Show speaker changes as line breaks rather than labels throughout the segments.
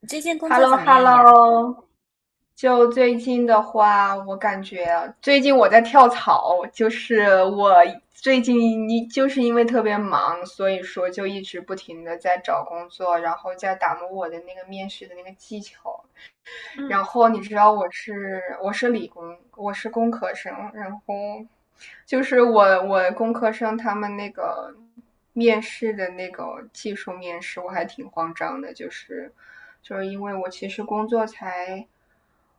你最近工
h e l
作
l o
怎么
h e l
样
l
呀？
o 就最近的话，我感觉最近我在跳槽，就是我最近就是因为特别忙，所以说就一直不停的在找工作，然后在打磨我的那个面试的那个技巧。然后你知道我是理工，我是工科生，然后就是我我工科生他们那个面试的那个技术面试，我还挺慌张的，因为我其实工作才。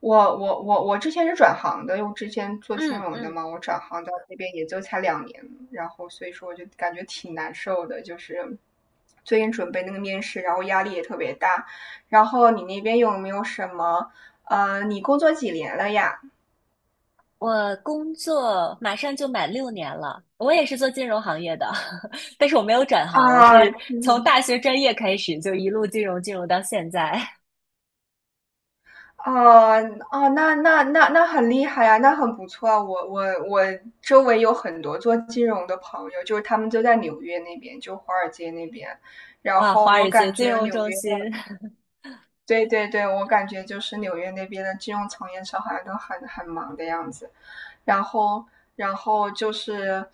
我之前是转行的，因为我之前做金
嗯
融的
嗯，
嘛，我转行到那边也就才两年，然后所以说我就感觉挺难受的，就是最近准备那个面试，然后压力也特别大。然后你那边有没有什么你工作几年了呀？
我工作马上就满6年了，我也是做金融行业的，但是我没有转行，我
啊，
是从
嗯，
大学专业开始就一路金融到现在。
哦。哦，那很厉害呀，那很不错啊。我我周围有很多做金融的朋友，就是他们就在纽约那边，就华尔街那边。然
哇，
后
华
我
尔街
感
金
觉
融
纽
中
约的，
心，
对对对，我感觉就是纽约那边的金融从业者好像都很忙的样子。然后，然后就是，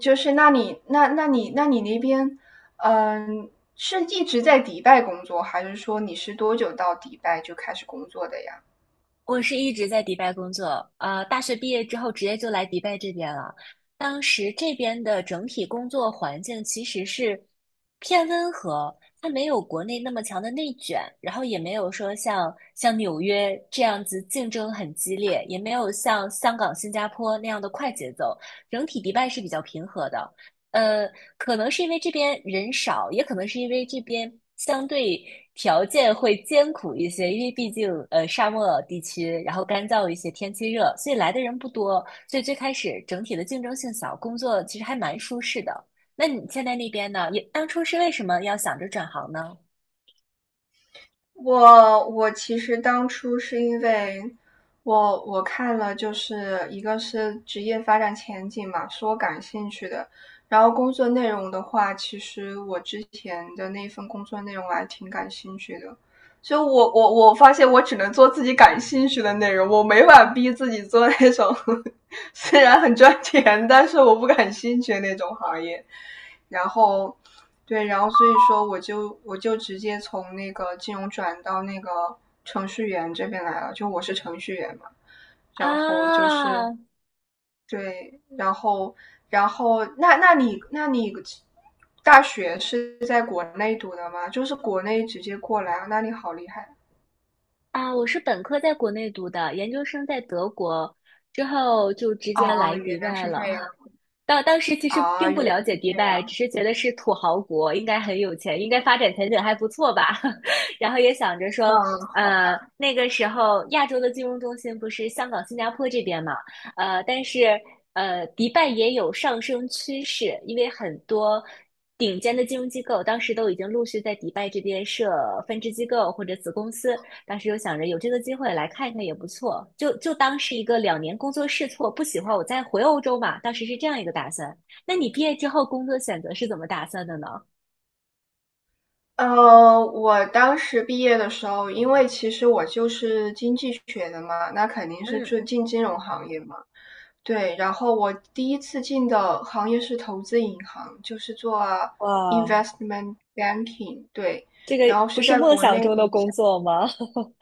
就是那你那边嗯、呃是一直在迪拜工作，还是说你是多久到迪拜就开始工作的呀？
我是一直在迪拜工作，大学毕业之后直接就来迪拜这边了。当时这边的整体工作环境其实是偏温和，它没有国内那么强的内卷，然后也没有说像纽约这样子竞争很激烈，也没有像香港、新加坡那样的快节奏。整体迪拜是比较平和的，呃，可能是因为这边人少，也可能是因为这边相对条件会艰苦一些，因为毕竟沙漠地区，然后干燥一些，天气热，所以来的人不多，所以最开始整体的竞争性小，工作其实还蛮舒适的。那你现在那边呢？你当初是为什么要想着转行呢？
我其实当初是因为我看了，就是一个是职业发展前景嘛，是我感兴趣的。然后工作内容的话，其实我之前的那份工作内容我还挺感兴趣的。就我我我发现我只能做自己感兴趣的内容，我没法逼自己做那种 虽然很赚钱，但是我不感兴趣的那种行业。然后对，然后所以说我就直接从那个金融转到那个程序员这边来了，就我是程序员嘛，然后就是
啊
对，然后，然后那你大学是在国内读的吗？就是国内直接过来，那你好厉害
啊！我是本科在国内读的，研究生在德国，之后就直
啊！
接
哦，
来迪
原来
拜
是这
了。
样
当时其实
啊，
并
原
不
来
了解
是
迪
这
拜，
样，
只是觉得是土豪国，应该很有钱，应该发展前景还不错吧。然后也想着说，
嗯，好吧。
那个时候亚洲的金融中心不是香港、新加坡这边嘛，但是迪拜也有上升趋势，因为很多顶尖的金融机构当时都已经陆续在迪拜这边设分支机构或者子公司，当时又想着有这个机会来看一看也不错，就当是一个两年工作试错，不喜欢我再回欧洲嘛。当时是这样一个打算。那你毕业之后工作选择是怎么打算的呢？
呃，我当时毕业的时候，因为其实我就是经济学的嘛，那肯定是
嗯，
就进金融行业嘛。对，然后我第一次进的行业是投资银行，就是做
哇，
investment banking。对，
这个
然后
不
是
是
在
梦
国
想
内
中
的
的
一
工
家，
作吗？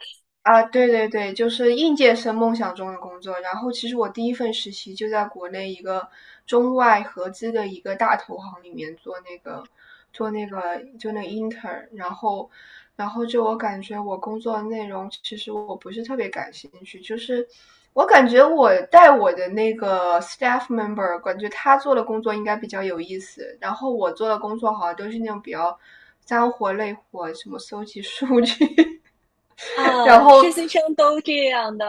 啊，对对对，就是应届生梦想中的工作。然后其实我第一份实习就在国内一个中外合资的一个大投行里面做那个做那个就那个 intern，然后，然后就我感觉我工作的内容其实我不是特别感兴趣，就是我感觉我带我的那个 staff member，感觉他做的工作应该比较有意思，然后我做的工作好像都是那种比较。脏活累活，什么搜集数据，
啊，
然
实
后
习生都这样的。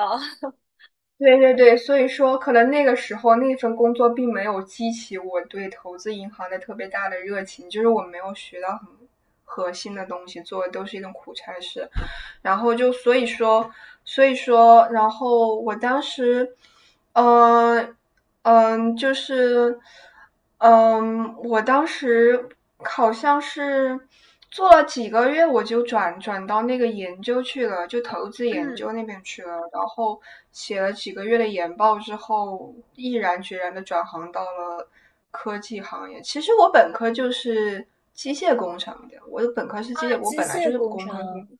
对对对，所以说可能那个时候那份工作并没有激起我对投资银行的特别大的热情，就是我没有学到很核心的东西，做的都是一种苦差事。然后就所以说，所以说，然后我当时，嗯、嗯、呃呃就是，我当时好像是做了几个月，我就转到那个研究去了，就投资研
嗯，
究那边去了。然后写了几个月的研报之后，毅然决然的转行到了科技行业。其实我本科就是机械工程的，我的本科是机
啊，
械，我
机
本来就
械
是
工
工科生。
程，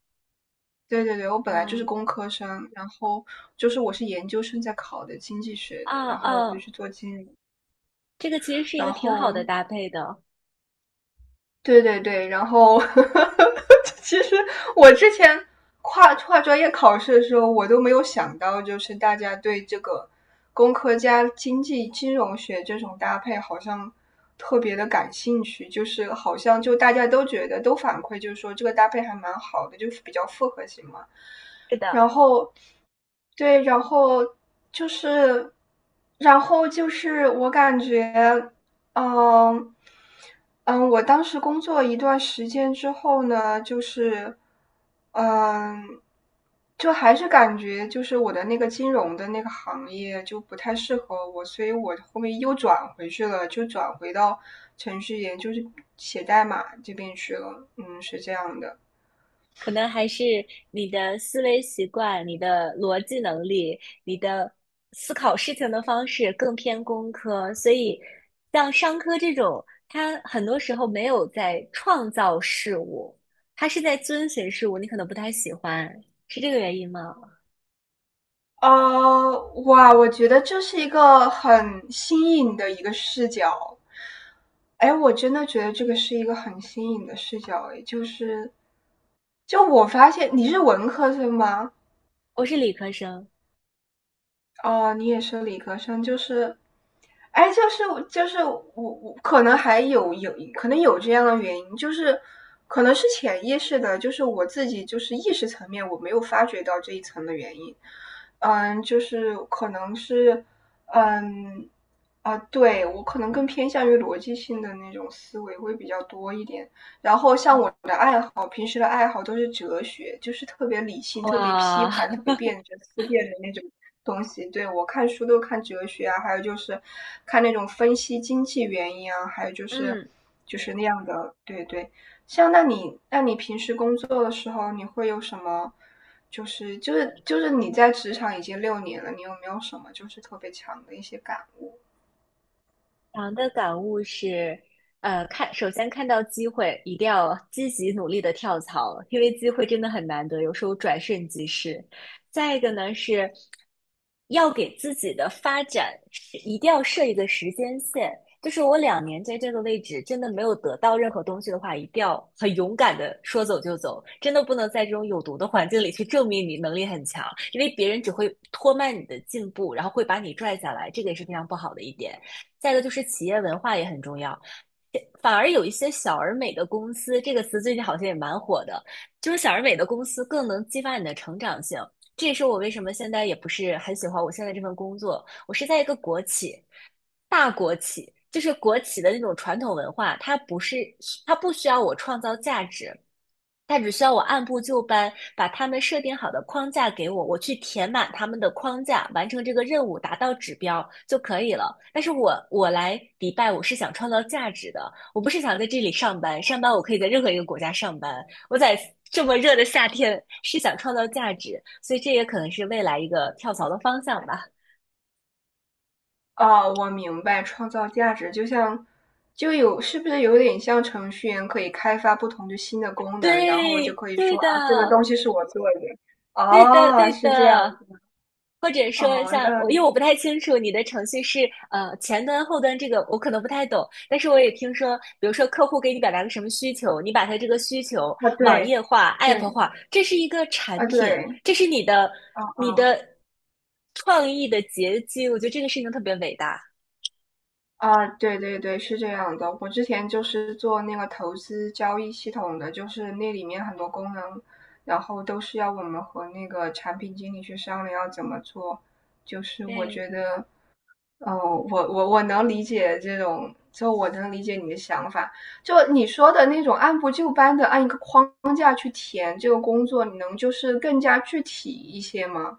对对对，我本来就是
哇，
工科生，然后就是我是研究生在考的经济学的，
啊
然后我就
啊，
去做经理，
这个其实是一个
然
挺好的
后，
搭配的。
对对对，然后 其实我之前跨专业考试的时候，我都没有想到，就是大家对这个工科加经济金融学这种搭配好像特别的感兴趣，就是好像就大家都觉得都反馈，就是说这个搭配还蛮好的，就是比较复合型嘛。
是
然
的，
后对，然后就是，然后就是我感觉。嗯，嗯，我当时工作一段时间之后呢，就是，嗯，就还是感觉就是我的那个金融的那个行业就不太适合我，所以我后面又转回去了，就转回到程序员，就是写代码这边去了。嗯，是这样的。
可能还是你的思维习惯、你的逻辑能力、你的思考事情的方式更偏工科，所以像商科这种，它很多时候没有在创造事物，它是在遵循事物，你可能不太喜欢，是这个原因吗？
呃，哇，我觉得这是一个很新颖的一个视角。哎，我真的觉得这个是一个很新颖的视角，哎，就是，就我发现你是文科生吗？
我是理科生，
哦，你也是理科生，就是，哎，就是，就是我可能还有可能有这样的原因，就是可能是潜意识的，就是我自己就是意识层面我没有发觉到这一层的原因，嗯，就是可能是，嗯。啊，对，我可能更偏向于逻辑性的那种思维会比较多一点，然后像我的爱好，平时的爱好都是哲学，就是特别理性、特别批
哇，
判、特别 辩证、思辨的那种东西。对，我看书都看哲学啊，还有就是看那种分析经济原因啊，还有就是
嗯。
就是那样的。对对，像那你平时工作的时候，你会有什么？就是你在职场已经6年了，你有没有什么就是特别强的一些感悟？
长的感悟是，看，首先看到机会，一定要积极努力的跳槽，因为机会真的很难得，有时候转瞬即逝。再一个呢是，要给自己的发展是一定要设一个时间线，就是我两年在这个位置真的没有得到任何东西的话，一定要很勇敢的说走就走，真的不能在这种有毒的环境里去证明你能力很强，因为别人只会拖慢你的进步，然后会把你拽下来，这个也是非常不好的一点。再一个就是企业文化也很重要。反而有一些小而美的公司，这个词最近好像也蛮火的，就是小而美的公司更能激发你的成长性。这也是我为什么现在也不是很喜欢我现在这份工作。我是在一个国企，大国企，就是国企的那种传统文化，它不需要我创造价值，他只需要我按部就班把他们设定好的框架给我，我去填满他们的框架，完成这个任务，达到指标就可以了。但是我来迪拜，我是想创造价值的，我不是想在这里上班，上班我可以在任何一个国家上班，我在这么热的夏天是想创造价值，所以这也可能是未来一个跳槽的方向吧。
哦，我明白，创造价值就像，就有，是不是有点像程序员可以开发不同的新的功能，然后就
对，
可以
对
说啊，
的。
这个东西是我做的。
对的，
哦，
对
是这样。
的。或者说
哦，
像，
那，
我因为我不太清楚你的程序是前端后端这个我可能不太懂，但是我也听说，比如说客户给你表达个什么需求，你把他这个需求
啊，
网
对，
页化、app
对，
化，这是一个产
啊，
品，
对，
这是你的
啊，
你的创意的结晶，我觉得这个事情特别伟大。
啊，对对对，是这样的。我之前就是做那个投资交易系统的，就是那里面很多功能，然后都是要我们和那个产品经理去商量要怎么做。就是我
对，
觉得，哦，我能理解这种，就我能理解你的想法。就你说的那种按部就班的按一个框架去填这个工作，你能就是更加具体一些吗？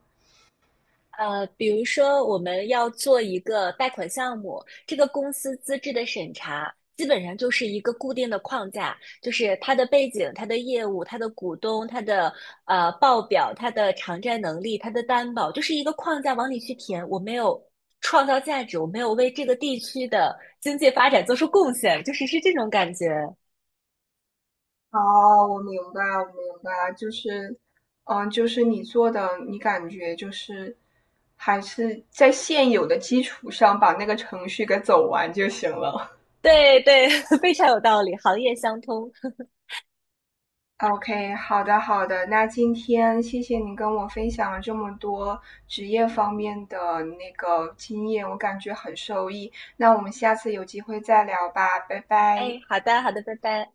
比如说我们要做一个贷款项目，这个公司资质的审查基本上就是一个固定的框架，就是它的背景、它的业务、它的股东、它的报表、它的偿债能力、它的担保，就是一个框架往里去填。我没有创造价值，我没有为这个地区的经济发展做出贡献，就是是这种感觉。
哦，我明白，我明白，就是，嗯，就是你做的，你感觉就是还是在现有的基础上把那个程序给走完就行了。
对对，非常有道理，行业相通。
OK，好的好的，那今天谢谢你跟我分享了这么多职业方面的那个经验，我感觉很受益。那我们下次有机会再聊吧，拜拜。
哎，好的好的，拜拜。